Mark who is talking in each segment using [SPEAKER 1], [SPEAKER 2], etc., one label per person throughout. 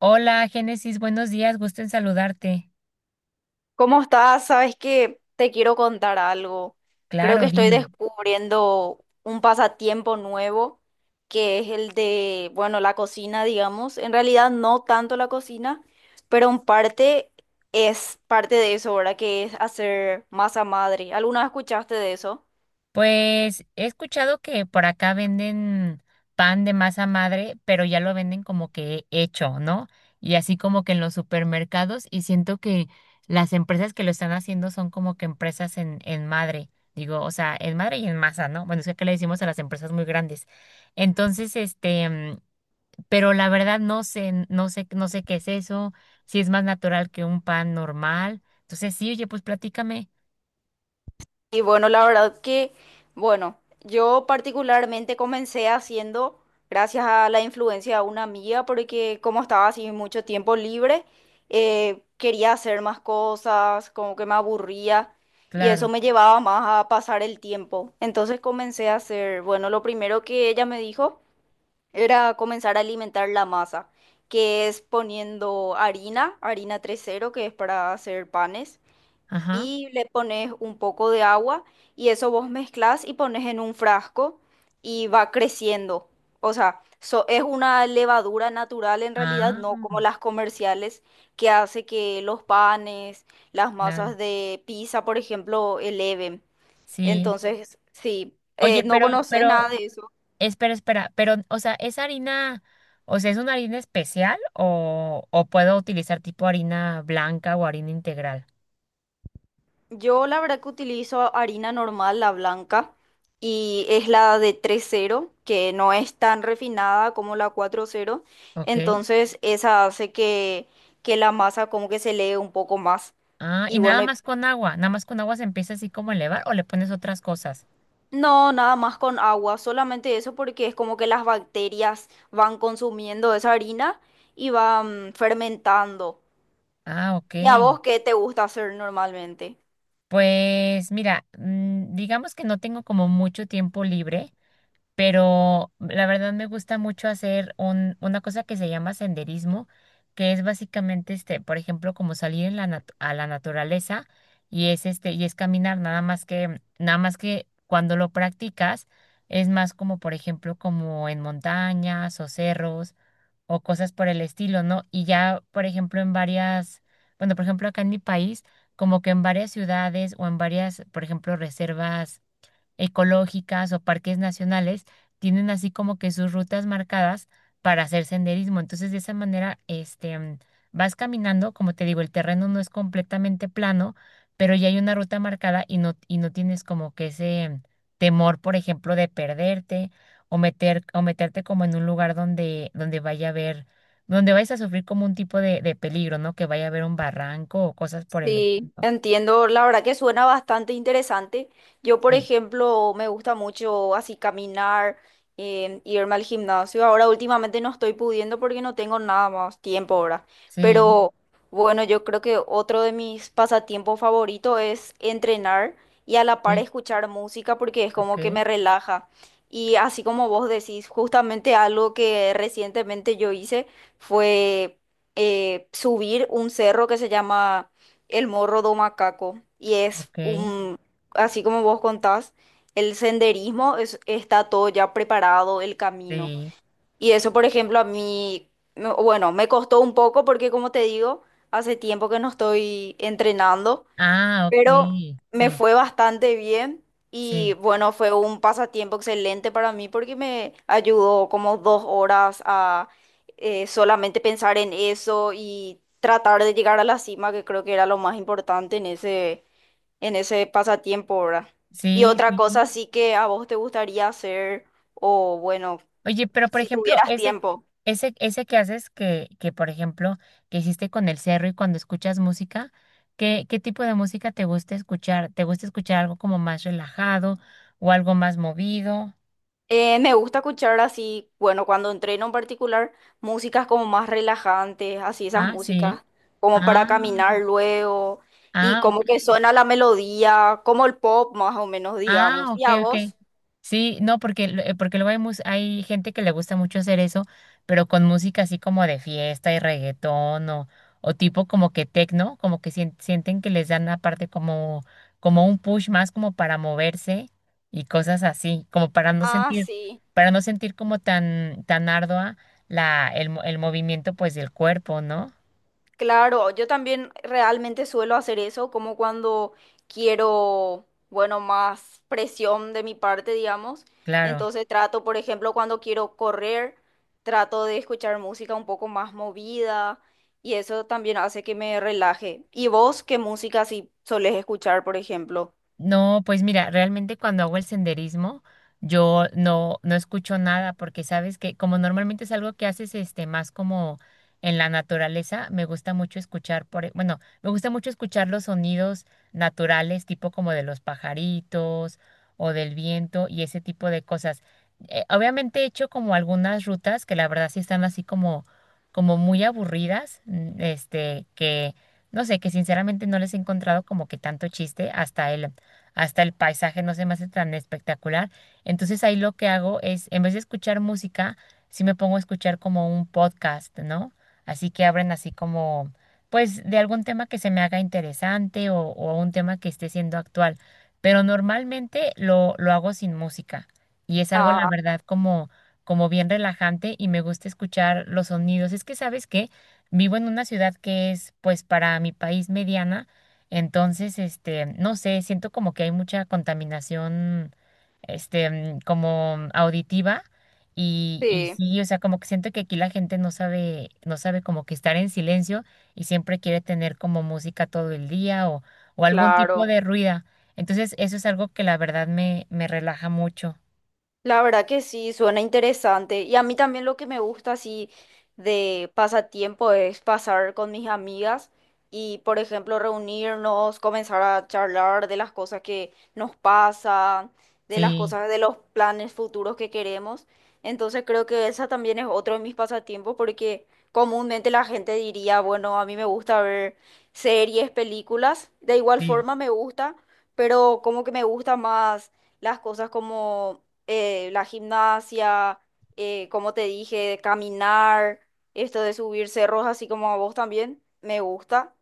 [SPEAKER 1] Hola, Génesis, buenos días, gusto en saludarte.
[SPEAKER 2] ¿Cómo estás? Sabes que te quiero contar algo. Creo que
[SPEAKER 1] Claro,
[SPEAKER 2] estoy
[SPEAKER 1] dime.
[SPEAKER 2] descubriendo un pasatiempo nuevo, que es el de, bueno, la cocina, digamos. En realidad no tanto la cocina, pero en parte es parte de eso, ¿verdad? Que es hacer masa madre. ¿Alguna vez escuchaste de eso?
[SPEAKER 1] Pues he escuchado que por acá venden pan de masa madre, pero ya lo venden como que hecho, ¿no? Y así como que en los supermercados y siento que las empresas que lo están haciendo son como que empresas en madre, digo, o sea, en madre y en masa, ¿no? Bueno, es que acá le decimos a las empresas muy grandes. Entonces, pero la verdad no sé qué es eso, si es más natural que un pan normal. Entonces, sí, oye, pues platícame.
[SPEAKER 2] Y bueno, la verdad que, bueno, yo particularmente comencé haciendo gracias a la influencia de una amiga, porque como estaba así mucho tiempo libre, quería hacer más cosas, como que me aburría y eso
[SPEAKER 1] Claro.
[SPEAKER 2] me llevaba más a pasar el tiempo. Entonces comencé a hacer, bueno, lo primero que ella me dijo era comenzar a alimentar la masa, que es poniendo harina, harina 000, que es para hacer panes
[SPEAKER 1] Ajá.
[SPEAKER 2] y le pones un poco de agua y eso vos mezclas y pones en un frasco y va creciendo. O sea, es una levadura natural en realidad,
[SPEAKER 1] Ah,
[SPEAKER 2] no como las comerciales que hace que los panes, las masas
[SPEAKER 1] claro.
[SPEAKER 2] de pizza, por ejemplo, eleven.
[SPEAKER 1] Sí.
[SPEAKER 2] Entonces, sí,
[SPEAKER 1] Oye,
[SPEAKER 2] no conoces nada de eso.
[SPEAKER 1] espera, pero, o sea, ¿es harina, o sea, es una harina especial o puedo utilizar tipo harina blanca o harina integral?
[SPEAKER 2] Yo la verdad que utilizo harina normal, la blanca, y es la de 000 que no es tan refinada como la 0000,
[SPEAKER 1] Ok.
[SPEAKER 2] entonces esa hace que la masa como que se lee un poco más.
[SPEAKER 1] Ah,
[SPEAKER 2] Y
[SPEAKER 1] y nada
[SPEAKER 2] bueno,
[SPEAKER 1] más con agua, nada más con agua se empieza así como a elevar o le pones otras cosas.
[SPEAKER 2] no, nada más con agua, solamente eso porque es como que las bacterias van consumiendo esa harina y van fermentando.
[SPEAKER 1] Ah, ok.
[SPEAKER 2] ¿Y a vos qué te gusta hacer normalmente?
[SPEAKER 1] Pues mira, digamos que no tengo como mucho tiempo libre, pero la verdad me gusta mucho hacer una cosa que se llama senderismo, que es básicamente este, por ejemplo, como salir en la a la naturaleza y es este y es caminar nada más que cuando lo practicas es más como por ejemplo como en montañas o cerros o cosas por el estilo, ¿no? Y ya, por ejemplo, en varias, bueno, por ejemplo, acá en mi país, como que en varias ciudades o en varias, por ejemplo, reservas ecológicas o parques nacionales tienen así como que sus rutas marcadas para hacer senderismo. Entonces, de esa manera, vas caminando, como te digo, el terreno no es completamente plano, pero ya hay una ruta marcada y no tienes como que ese temor, por ejemplo, de perderte o meterte como en un lugar donde vaya a haber, donde vayas a sufrir como un tipo de peligro, ¿no? Que vaya a haber un barranco o cosas por el
[SPEAKER 2] Sí,
[SPEAKER 1] estilo.
[SPEAKER 2] entiendo. La verdad que suena bastante interesante. Yo, por
[SPEAKER 1] Sí,
[SPEAKER 2] ejemplo, me gusta mucho así caminar, irme al gimnasio. Ahora últimamente no estoy pudiendo porque no tengo nada más tiempo ahora.
[SPEAKER 1] sí,
[SPEAKER 2] Pero bueno, yo creo que otro de mis pasatiempos favoritos es entrenar y a la par
[SPEAKER 1] sí,
[SPEAKER 2] escuchar música porque es
[SPEAKER 1] ok,
[SPEAKER 2] como que me relaja. Y así como vos decís, justamente algo que recientemente yo hice fue subir un cerro que se llama el Morro do Macaco y es
[SPEAKER 1] ok.
[SPEAKER 2] un, así como vos contás, el senderismo está todo ya preparado, el camino.
[SPEAKER 1] Sí.
[SPEAKER 2] Y eso, por ejemplo, a mí, bueno, me costó un poco porque, como te digo, hace tiempo que no estoy entrenando
[SPEAKER 1] Ah, ok.
[SPEAKER 2] pero me
[SPEAKER 1] Sí,
[SPEAKER 2] fue bastante bien y
[SPEAKER 1] sí,
[SPEAKER 2] bueno, fue un pasatiempo excelente para mí porque me ayudó como 2 horas a solamente pensar en eso y tratar de llegar a la cima, que creo que era lo más importante en ese pasatiempo, ¿verdad? Y
[SPEAKER 1] sí,
[SPEAKER 2] otra cosa
[SPEAKER 1] sí.
[SPEAKER 2] sí que a vos te gustaría hacer, o bueno,
[SPEAKER 1] Oye, pero por
[SPEAKER 2] si
[SPEAKER 1] ejemplo,
[SPEAKER 2] tuvieras tiempo.
[SPEAKER 1] ese que haces que por ejemplo, que hiciste con el cerro y cuando escuchas música, qué tipo de música te gusta escuchar? ¿Te gusta escuchar algo como más relajado o algo más movido?
[SPEAKER 2] Me gusta escuchar así, bueno, cuando entreno en particular, músicas como más relajantes, así esas
[SPEAKER 1] Ah, sí.
[SPEAKER 2] músicas como para
[SPEAKER 1] Ah,
[SPEAKER 2] caminar luego y
[SPEAKER 1] ah,
[SPEAKER 2] como que
[SPEAKER 1] ok.
[SPEAKER 2] suena la melodía, como el pop más o menos,
[SPEAKER 1] Ah,
[SPEAKER 2] digamos. ¿Y
[SPEAKER 1] ok,
[SPEAKER 2] a
[SPEAKER 1] ok.
[SPEAKER 2] vos?
[SPEAKER 1] Sí, no, porque luego hay, hay gente que le gusta mucho hacer eso, pero con música así como de fiesta y reggaetón o tipo como que tecno, como que sienten que les dan aparte como, como un push más como para moverse y cosas así, como
[SPEAKER 2] Ah, sí.
[SPEAKER 1] para no sentir como tan, tan ardua el movimiento pues del cuerpo, ¿no?
[SPEAKER 2] Claro, yo también realmente suelo hacer eso, como cuando quiero, bueno, más presión de mi parte, digamos.
[SPEAKER 1] Claro.
[SPEAKER 2] Entonces trato, por ejemplo, cuando quiero correr, trato de escuchar música un poco más movida y eso también hace que me relaje. ¿Y vos qué música si solés escuchar, por ejemplo?
[SPEAKER 1] No, pues mira, realmente cuando hago el senderismo, yo no escucho nada, porque sabes que como normalmente es algo que haces este más como en la naturaleza, me gusta mucho escuchar bueno, me gusta mucho escuchar los sonidos naturales, tipo como de los pajaritos o del viento y ese tipo de cosas. Obviamente he hecho como algunas rutas que la verdad sí están así como, como muy aburridas, que no sé, que sinceramente no les he encontrado como que tanto chiste hasta el paisaje no se me hace tan espectacular. Entonces ahí lo que hago es, en vez de escuchar música, sí me pongo a escuchar como un podcast, ¿no? Así que abren así como, pues, de algún tema que se me haga interesante o un tema que esté siendo actual. Pero normalmente lo hago sin música y es algo, la
[SPEAKER 2] Ah,
[SPEAKER 1] verdad, como, como bien relajante y me gusta escuchar los sonidos. Es que, ¿sabes qué? Vivo en una ciudad que es, pues, para mi país mediana. Entonces, este, no sé, siento como que hay mucha contaminación, como auditiva y
[SPEAKER 2] sí,
[SPEAKER 1] sí, o sea, como que siento que aquí la gente no sabe como que estar en silencio y siempre quiere tener como música todo el día o algún tipo
[SPEAKER 2] claro.
[SPEAKER 1] de ruida. Entonces, eso es algo que la verdad me relaja mucho.
[SPEAKER 2] La verdad que sí, suena interesante. Y a mí también lo que me gusta así de pasatiempo es pasar con mis amigas y, por ejemplo, reunirnos, comenzar a charlar de las cosas que nos pasan, de las
[SPEAKER 1] Sí,
[SPEAKER 2] cosas, de los planes futuros que queremos. Entonces creo que esa también es otro de mis pasatiempos porque comúnmente la gente diría, bueno, a mí me gusta ver series, películas. De igual
[SPEAKER 1] sí,
[SPEAKER 2] forma me gusta, pero como que me gusta más las cosas como la gimnasia, como te dije, de caminar, esto de subir cerros, así como a vos también, me gusta.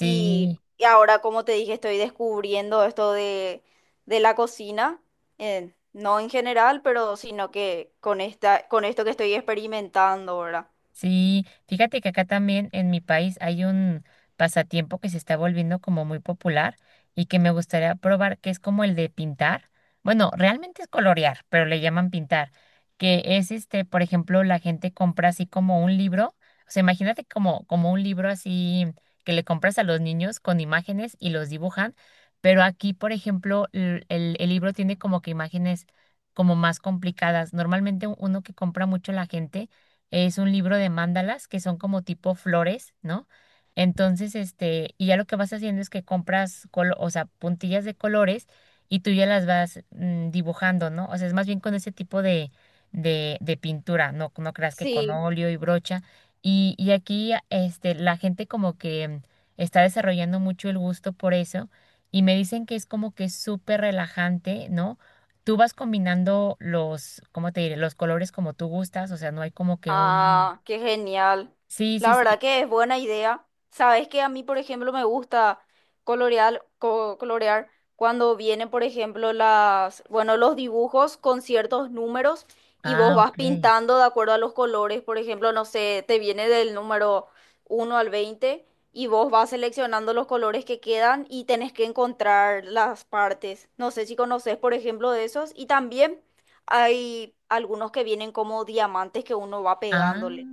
[SPEAKER 2] Y, y ahora, como te dije, estoy descubriendo esto de la cocina, no en general, pero sino que con esta, con esto que estoy experimentando, ¿verdad?
[SPEAKER 1] Sí, fíjate que acá también en mi país hay un pasatiempo que se está volviendo como muy popular y que me gustaría probar, que es como el de pintar. Bueno, realmente es colorear, pero le llaman pintar, que es este, por ejemplo, la gente compra así como un libro, o sea, imagínate como, como un libro así que le compras a los niños con imágenes y los dibujan, pero aquí, por ejemplo, el libro tiene como que imágenes como más complicadas. Normalmente uno que compra mucho la gente es un libro de mandalas que son como tipo flores, ¿no? Entonces, este, y ya lo que vas haciendo es que o sea, puntillas de colores y tú ya las vas dibujando, ¿no? O sea, es más bien con ese tipo de pintura, no creas que con
[SPEAKER 2] Sí.
[SPEAKER 1] óleo y brocha. Y aquí, la gente como que está desarrollando mucho el gusto por eso y me dicen que es como que súper relajante, ¿no? Tú vas combinando los, ¿cómo te diré? Los colores como tú gustas, o sea, no hay como que un...
[SPEAKER 2] Ah, qué genial.
[SPEAKER 1] Sí, sí,
[SPEAKER 2] La verdad
[SPEAKER 1] sí.
[SPEAKER 2] que es buena idea. Sabes que a mí, por ejemplo, me gusta colorear, colorear cuando vienen, por ejemplo, las, bueno, los dibujos con ciertos números y vos
[SPEAKER 1] Ah,
[SPEAKER 2] vas
[SPEAKER 1] ok.
[SPEAKER 2] pintando de acuerdo a los colores. Por ejemplo, no sé, te viene del número 1 al 20 y vos vas seleccionando los colores que quedan y tenés que encontrar las partes. No sé si conoces, por ejemplo, de esos. Y también hay algunos que vienen como diamantes que uno va
[SPEAKER 1] Ah,
[SPEAKER 2] pegándole.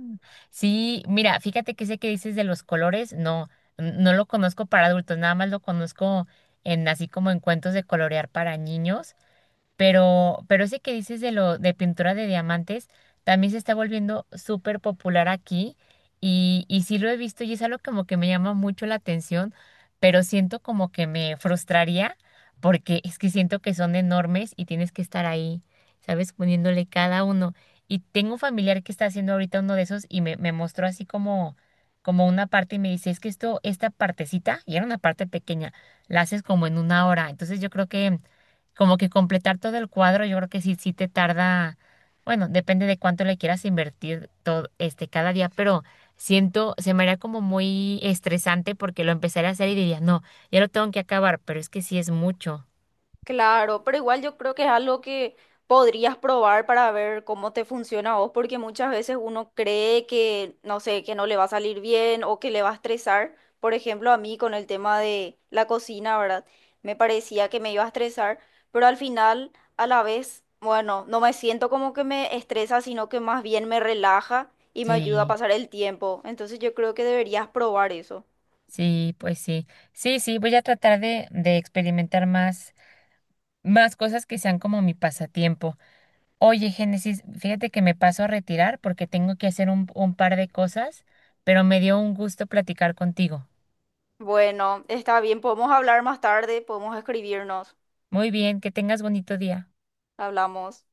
[SPEAKER 1] sí, mira, fíjate que ese que dices de los colores, no lo conozco para adultos, nada más lo conozco en así como en cuentos de colorear para niños. Pero ese que dices de lo de pintura de diamantes también se está volviendo súper popular aquí y sí lo he visto y es algo como que me llama mucho la atención, pero siento como que me frustraría porque es que siento que son enormes y tienes que estar ahí, ¿sabes? Poniéndole cada uno. Y tengo un familiar que está haciendo ahorita uno de esos y me mostró así como, como una parte y me dice, es que esto, esta partecita, y era una parte pequeña, la haces como en una hora. Entonces yo creo que como que completar todo el cuadro, yo creo que sí te tarda, bueno, depende de cuánto le quieras invertir todo, este, cada día, pero siento, se me haría como muy estresante porque lo empezaré a hacer y diría, no, ya lo tengo que acabar, pero es que sí es mucho.
[SPEAKER 2] Claro, pero igual yo creo que es algo que podrías probar para ver cómo te funciona a vos, porque muchas veces uno cree que, no sé, que no le va a salir bien o que le va a estresar. Por ejemplo, a mí con el tema de la cocina, ¿verdad? Me parecía que me iba a estresar, pero al final, a la vez, bueno, no me siento como que me estresa, sino que más bien me relaja y me ayuda a
[SPEAKER 1] Sí,
[SPEAKER 2] pasar el tiempo. Entonces yo creo que deberías probar eso.
[SPEAKER 1] sí, pues sí. Sí, sí, voy a tratar de experimentar más, más cosas que sean como mi pasatiempo. Oye, Génesis, fíjate que me paso a retirar porque tengo que hacer un par de cosas, pero me dio un gusto platicar contigo.
[SPEAKER 2] Bueno, está bien, podemos hablar más tarde, podemos escribirnos,
[SPEAKER 1] Muy bien, que tengas bonito día.
[SPEAKER 2] hablamos.